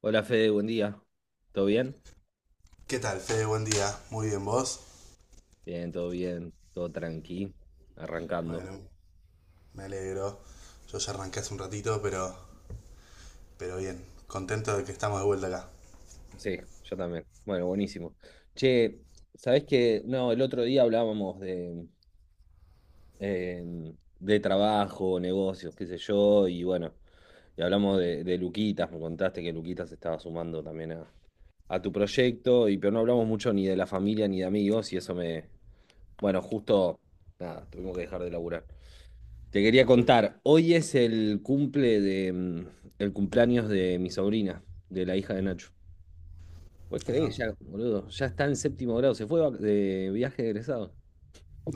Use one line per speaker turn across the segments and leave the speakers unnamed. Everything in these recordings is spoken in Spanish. Hola Fede, buen día. ¿Todo bien?
¿Qué tal, Fede? Buen día. Muy bien, ¿vos?
Bien, todo tranqui, arrancando.
Bueno, me alegro. Yo ya arranqué hace un ratito, pero bien. Contento de que estamos de vuelta acá.
Sí, yo también. Bueno, buenísimo. Che, ¿sabés qué? No, el otro día hablábamos eh, de trabajo, negocios, qué sé yo, y bueno, y hablamos de Luquitas, me contaste que Luquitas estaba sumando también a tu proyecto, y pero no hablamos mucho ni de la familia ni de amigos, y eso me, bueno, justo, nada, tuvimos que dejar de laburar. Te quería contar, hoy es el el cumpleaños de mi sobrina, de la hija de Nacho. ¿Puedes
Ahí
creer?
va.
Ya, boludo, ya está en séptimo grado, se fue de viaje de egresado.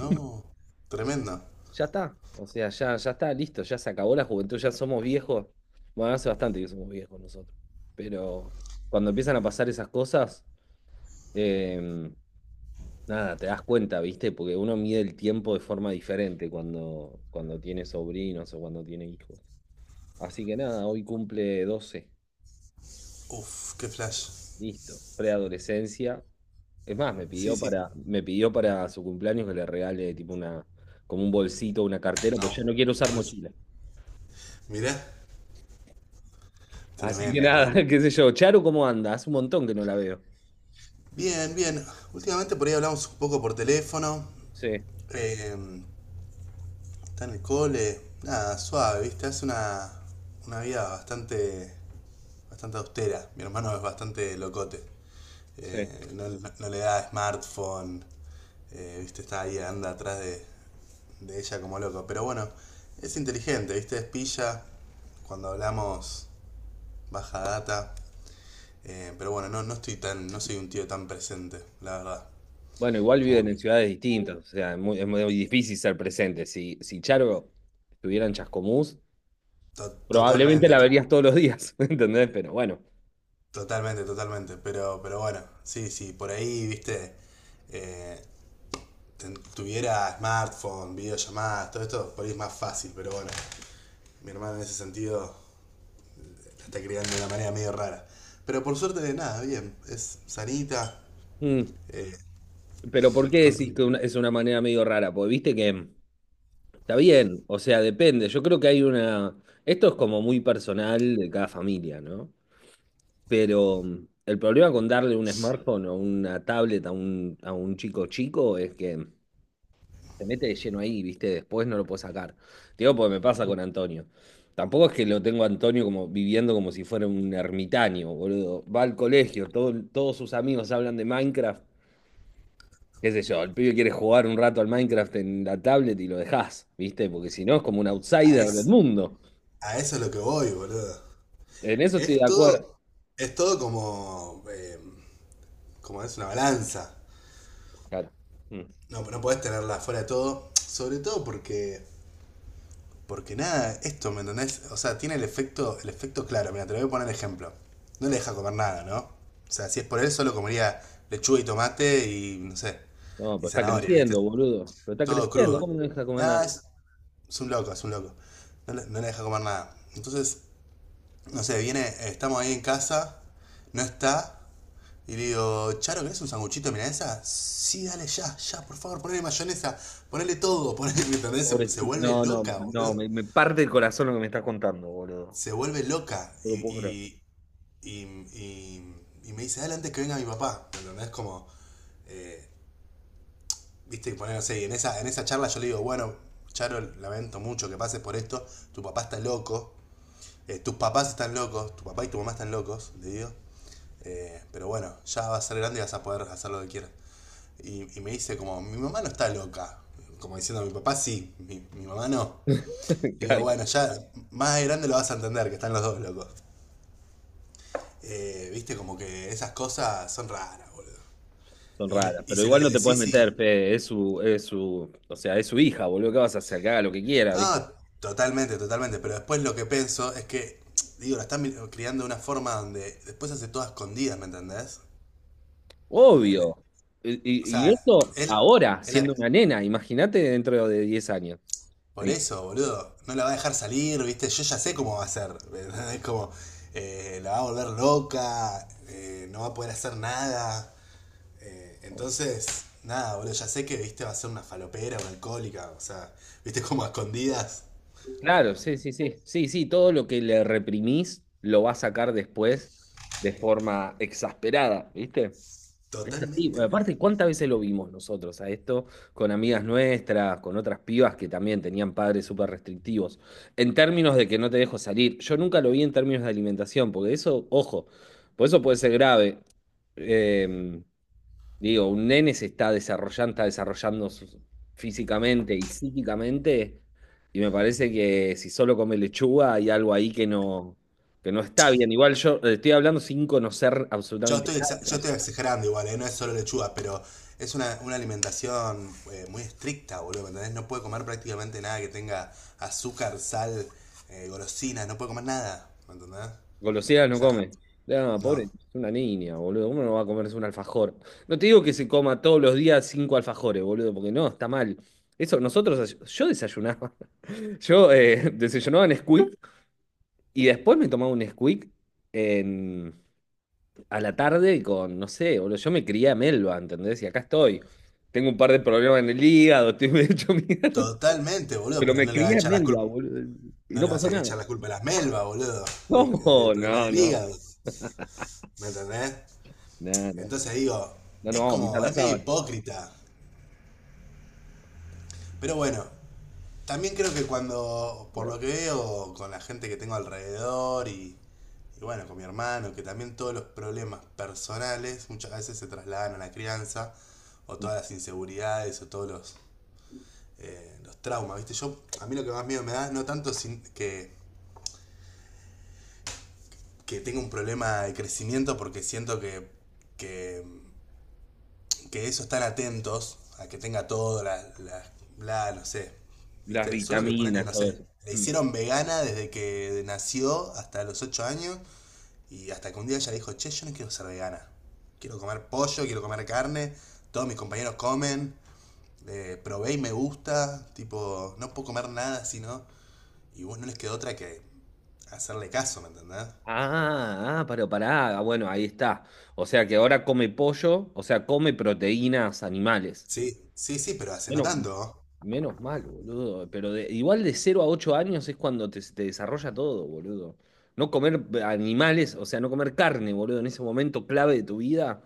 No, tremendo.
Ya está, o sea, ya está, listo, ya se acabó la juventud, ya somos viejos. Bueno, hace bastante que somos viejos nosotros. Pero cuando empiezan a pasar esas cosas, eh, nada, te das cuenta, ¿viste? Porque uno mide el tiempo de forma diferente cuando tiene sobrinos o cuando tiene hijos. Así que nada, hoy cumple 12.
Uf, qué flash.
Listo, preadolescencia. Es más, me
Sí,
pidió
sí.
para, me pidió para su cumpleaños que le regale tipo como un bolsito, una cartera,
No,
porque yo no quiero usar
no ves.
mochila.
Mirá,
Así que
tremendo,
nada,
amigo.
qué sé yo. Charo, ¿cómo anda? Hace un montón que no la veo.
Bien, bien. Últimamente por ahí hablamos un poco por teléfono.
Sí,
Eh, está en el cole. Nada, suave, ¿viste? Hace una vida bastante austera. Mi hermano es bastante locote.
sí.
No, no le da smartphone, ¿viste? Está ahí, anda atrás de ella como loco. Pero bueno, es inteligente, ¿viste? Es pilla cuando hablamos baja data. Pero bueno, no estoy tan, no soy un tío tan presente, la verdad.
Bueno, igual viven
Como
en
que
ciudades distintas, o sea, es muy difícil ser presente. Si, si Charo estuviera en Chascomús,
to
probablemente
Totalmente,
la
to
verías todos los días, ¿entendés? Pero bueno.
totalmente, totalmente. Pero bueno, sí, sí, por ahí, ¿viste? eh, Tuviera smartphone, videollamadas, todo esto, por ahí es más fácil, pero bueno, mi hermano en ese sentido está criando de una manera medio rara. Pero por suerte de nada, bien. Es sanita,
Mm.
eh,
Pero ¿por qué decís
contenta.
que es una manera medio rara? Porque viste que está bien, o sea, depende. Yo creo que hay una... Esto es como muy personal de cada familia, ¿no? Pero el problema con darle un smartphone o una tablet a un chico chico es que se mete de lleno ahí, ¿viste? Después no lo puedo sacar. Te digo, porque me pasa con Antonio. Tampoco es que lo tengo a Antonio como viviendo como si fuera un ermitaño, boludo. Va al colegio, todos sus amigos hablan de Minecraft. Qué sé yo, el pibe quiere jugar un rato al Minecraft en la tablet y lo dejás, ¿viste? Porque si no es como un
A,
outsider del
es-
mundo.
a eso es lo que voy, boludo.
En eso estoy de
Es
acuerdo.
todo, es todo como, como es una balanza.
Claro. Mm.
No, no podés tenerla fuera de todo. Sobre todo porque nada, esto, ¿me entendés? O sea, tiene el efecto claro. Mira, te lo voy a poner ejemplo. No le deja comer nada, ¿no? O sea, si es por él, solo comería lechuga y tomate y, no sé,
No, pero
y
está
zanahoria, ¿viste?
creciendo, boludo. Pero está
Todo
creciendo.
crudo.
¿Cómo no deja comer
Ah,
nada?
es- Es un loco, es un loco. No le deja comer nada. Entonces, no sé, viene, estamos ahí en casa, no está. Y le digo, Charo, ¿querés un sanguchito de milanesa? Sí, dale ya, ya, por favor, ponele mayonesa, ponele todo, ponele, ¿entendés? Se
Pobrecito.
vuelve
No, no,
loca,
no.
boludo.
Me parte el corazón lo que me estás contando, boludo.
Se vuelve loca.
No lo puedo creer.
Y, y, y me dice, dale antes que venga mi papá, ¿entendés? Como, viste, poner, no sé, y en en esa charla yo le digo, bueno, Charo, lamento mucho que pases por esto, tu papá está loco. Tus papás están locos, tu papá y tu mamá están locos, le digo. Pero bueno, ya vas a ser grande y vas a poder hacer lo que quieras. Y me dice como, mi mamá no está loca. Como diciendo, mi papá sí, mi mamá no. Y digo,
Claro,
bueno, ya más de grande lo vas a entender, que están los dos locos. Viste, como que esas cosas son raras, boludo.
son raras.
Y
Pero
se lo
igual no te puedes
decís y...
meter, Fede. O sea, es su hija, boludo. ¿Qué vas a hacer? Que haga lo que quiera, ¿viste?
No, totalmente, totalmente. Pero después lo que pienso es que, digo, la están criando de una forma donde después hace todo a escondidas, ¿me entendés? La- la-
Obvio. Y,
O
y
sea,
esto
él,
ahora,
él-
siendo
la-
una nena. Imagínate dentro de 10 años.
por eso, boludo. No la va a dejar salir, ¿viste? Yo ya sé cómo va a ser, ¿verdad? Es como. La va a volver loca. No va a poder hacer nada. Entonces. Nada, boludo. Ya sé que, ¿viste? Va a ser una falopera, una alcohólica. O sea, ¿viste? Como a escondidas.
Claro, sí, sí, sí. Sí, sí, todo lo que le reprimís lo va a sacar después de forma exasperada, ¿viste? Es así.
Totalmente,
Bueno,
boludo.
aparte, ¿cuántas veces lo vimos nosotros a esto con amigas nuestras, con otras pibas que también tenían padres súper restrictivos? En términos de que no te dejo salir. Yo nunca lo vi en términos de alimentación, porque eso, ojo, por eso puede ser grave. Em, Digo, un nene se está desarrollando físicamente y psíquicamente, y me parece que si solo come lechuga hay algo ahí que no está bien. Igual yo estoy hablando sin conocer absolutamente
Yo
nada.
estoy exagerando igual, ¿eh? No es solo lechuga, pero es una alimentación muy estricta, boludo, ¿me ¿entendés? No puede comer prácticamente nada que tenga azúcar, sal, golosinas, no puede comer nada, ¿me entendés?
Golosinas
O
no
sea,
come. Ah, pobre,
no.
es una niña, boludo. ¿Cómo no va a comerse un alfajor? No te digo que se coma todos los días cinco alfajores, boludo, porque no, está mal. Eso, nosotros, yo desayunaba. Yo desayunaba en Squeak y después me tomaba un Squeak a la tarde con, no sé, boludo, yo me crié a Melba, ¿entendés? Y acá estoy. Tengo un par de problemas en el hígado, estoy medio hecho mierda,
Totalmente, boludo,
pero
pero
me
no le va a
crié a
echar la
Melba,
culpa,
boludo, y
no
no
le vas
pasó
a
nada.
echar la culpa a las melvas, boludo, del
No,
problema
no,
del
no,
hígado, ¿me entendés?
no, no,
Entonces digo,
no, no
es
vamos a pisar
como,
la
es medio
sábana.
hipócrita, pero bueno, también creo que cuando, por
Pero,
lo que veo, con la gente que tengo alrededor y bueno, con mi hermano, que también todos los problemas personales muchas veces se trasladan a la crianza, o
mm,
todas las inseguridades, o todos los traumas, ¿viste? Yo, a mí lo que más miedo me da es no tanto que tenga un problema de crecimiento, porque siento que que eso están atentos a que tenga todo, no sé,
las
¿viste? Solo que ponerle,
vitaminas,
no
todo
sé,
eso.
le
Mm.
hicieron vegana desde que nació hasta los 8 años y hasta que un día ella dijo, che, yo no quiero ser vegana. Quiero comer pollo, quiero comer carne, todos mis compañeros comen, probé y me gusta, tipo, no puedo comer nada sino. Y vos no les quedó otra que hacerle caso, ¿me entendés?
Ah, ah, pero pará, ah, bueno, ahí está. O sea que ahora come pollo, o sea, come proteínas animales.
Sí, sí, sí, pero hace no
Menos,
tanto.
Menos mal, boludo. Pero igual de 0 a 8 años es cuando te desarrolla todo, boludo. No comer animales, o sea, no comer carne, boludo, en ese momento clave de tu vida,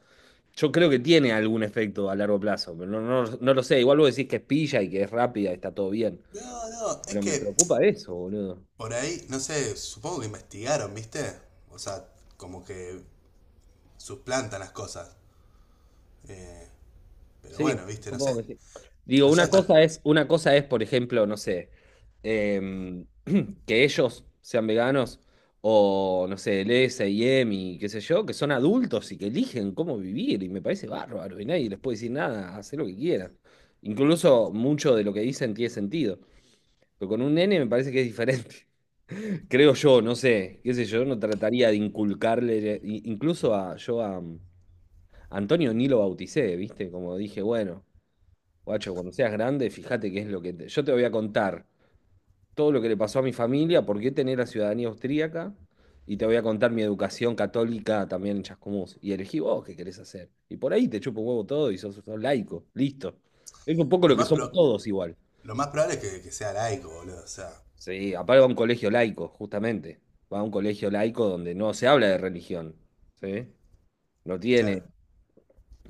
yo creo que tiene algún efecto a largo plazo, pero no, no, no lo sé. Igual vos decís que es pilla y que es rápida, está todo bien.
No, no, es
Pero me
que
preocupa eso, boludo.
por ahí, no sé, supongo que investigaron, ¿viste? O sea, como que suplantan las cosas. Eh, pero bueno,
Sí,
¿viste? No sé.
supongo que sí. Digo,
No sé
una
hasta...
cosa es, una cosa es, por ejemplo, no sé, eh, que ellos sean veganos o, no sé, el S&M y M y qué sé yo, que son adultos y que eligen cómo vivir y me parece bárbaro y nadie les puede decir nada, hacer lo que quieran. Incluso mucho de lo que dicen tiene sentido, pero con un nene me parece que es diferente. Creo yo, no sé, qué sé yo, no trataría de inculcarle, incluso a yo a Antonio ni lo bauticé, ¿viste? Como dije, bueno, guacho, cuando seas grande, fíjate qué es lo que yo te voy a contar todo lo que le pasó a mi familia, por qué tener la ciudadanía austríaca y te voy a contar mi educación católica también en Chascomús. Y elegí vos qué querés hacer. Y por ahí te chupo un huevo todo y sos laico, listo. Es un poco lo
Lo
que
más,
somos
pro-
todos igual.
lo más probable es que sea laico, boludo. O sea,
Sí, aparte va a un colegio laico, justamente. Va a un colegio laico donde no se habla de religión, ¿sí? No tiene.
claro.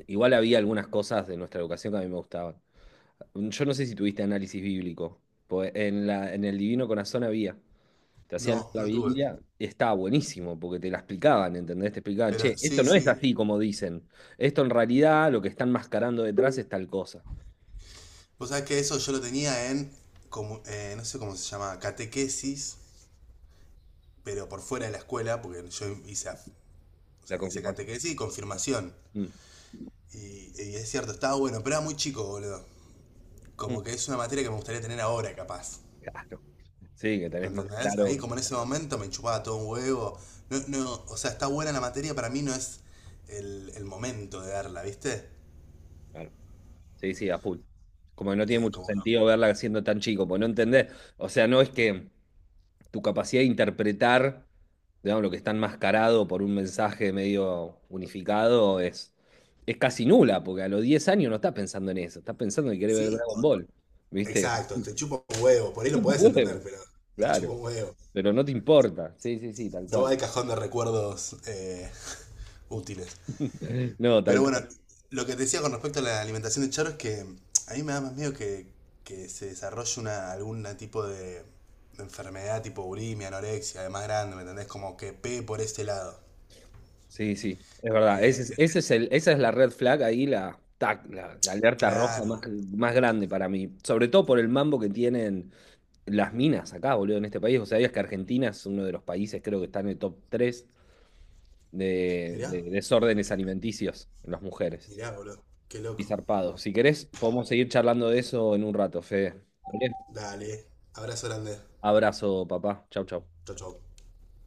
Igual había algunas cosas de nuestra educación que a mí me gustaban. Yo no sé si tuviste análisis bíblico. Pues en el Divino Corazón había. Te hacían leer
No,
la
no tuve.
Biblia y estaba buenísimo porque te la explicaban, ¿entendés? Te explicaban,
Pero
che, esto
sí,
no es
sí.
así como dicen. Esto en realidad lo que están mascarando detrás es tal cosa.
Vos sabés que eso yo lo tenía en, como, no sé cómo se llama, catequesis, pero por fuera de la escuela, porque o
La
sea, hice
confirmación.
catequesis y
Sí.
confirmación.
Mm,
Y es cierto, estaba bueno, pero era muy chico, boludo.
mm,
Como que es una materia que me gustaría tener ahora, capaz.
claro. Sí, que
¿Me
tenés más
entendés? Ahí
claro.
como en ese momento me chupaba todo un huevo. No, no, o sea, está buena la materia, para mí no es el momento de darla, ¿viste?
Claro. Sí, sí, a full. Como que no tiene
Eh,
mucho
como
sentido
que-
verla siendo tan chico, porque no entendés. O sea, no es que. Tu capacidad de interpretar, digamos, lo que está enmascarado por un mensaje medio unificado es casi nula, porque a los 10 años no estás pensando en eso, estás pensando que querés ver
Sí,
Dragon Ball, ¿viste?
exacto, te chupa un huevo, por ahí lo
Como
podés entender,
huevo,
pero te
claro,
chupa un huevo.
pero no te importa, sí, sí, sí, tal
No va
cual.
al cajón de recuerdos útiles.
No, tal
Pero bueno,
cual,
lo que te decía con respecto a la alimentación de Charo es que a mí me da más miedo que se desarrolle una, algún tipo de enfermedad tipo bulimia, anorexia, de más grande, ¿me entendés? Como que pegue por ese lado.
sí, sí, es verdad, ese
Eh,
es, esa es la red flag ahí, la, tac, la alerta roja más,
Claro.
más grande para mí, sobre todo por el mambo que tienen las minas acá, boludo, en este país. O sea, es que Argentina es uno de los países, creo que está en el top 3 de,
Mirá,
de desórdenes alimenticios en las mujeres.
mirá, boludo. Qué
Y
loco.
zarpado. Si querés, podemos seguir charlando de eso en un rato, Fede. ¿Vale?
Dale. Abrazo grande.
Abrazo, papá. Chau, chau.
Chau, chau.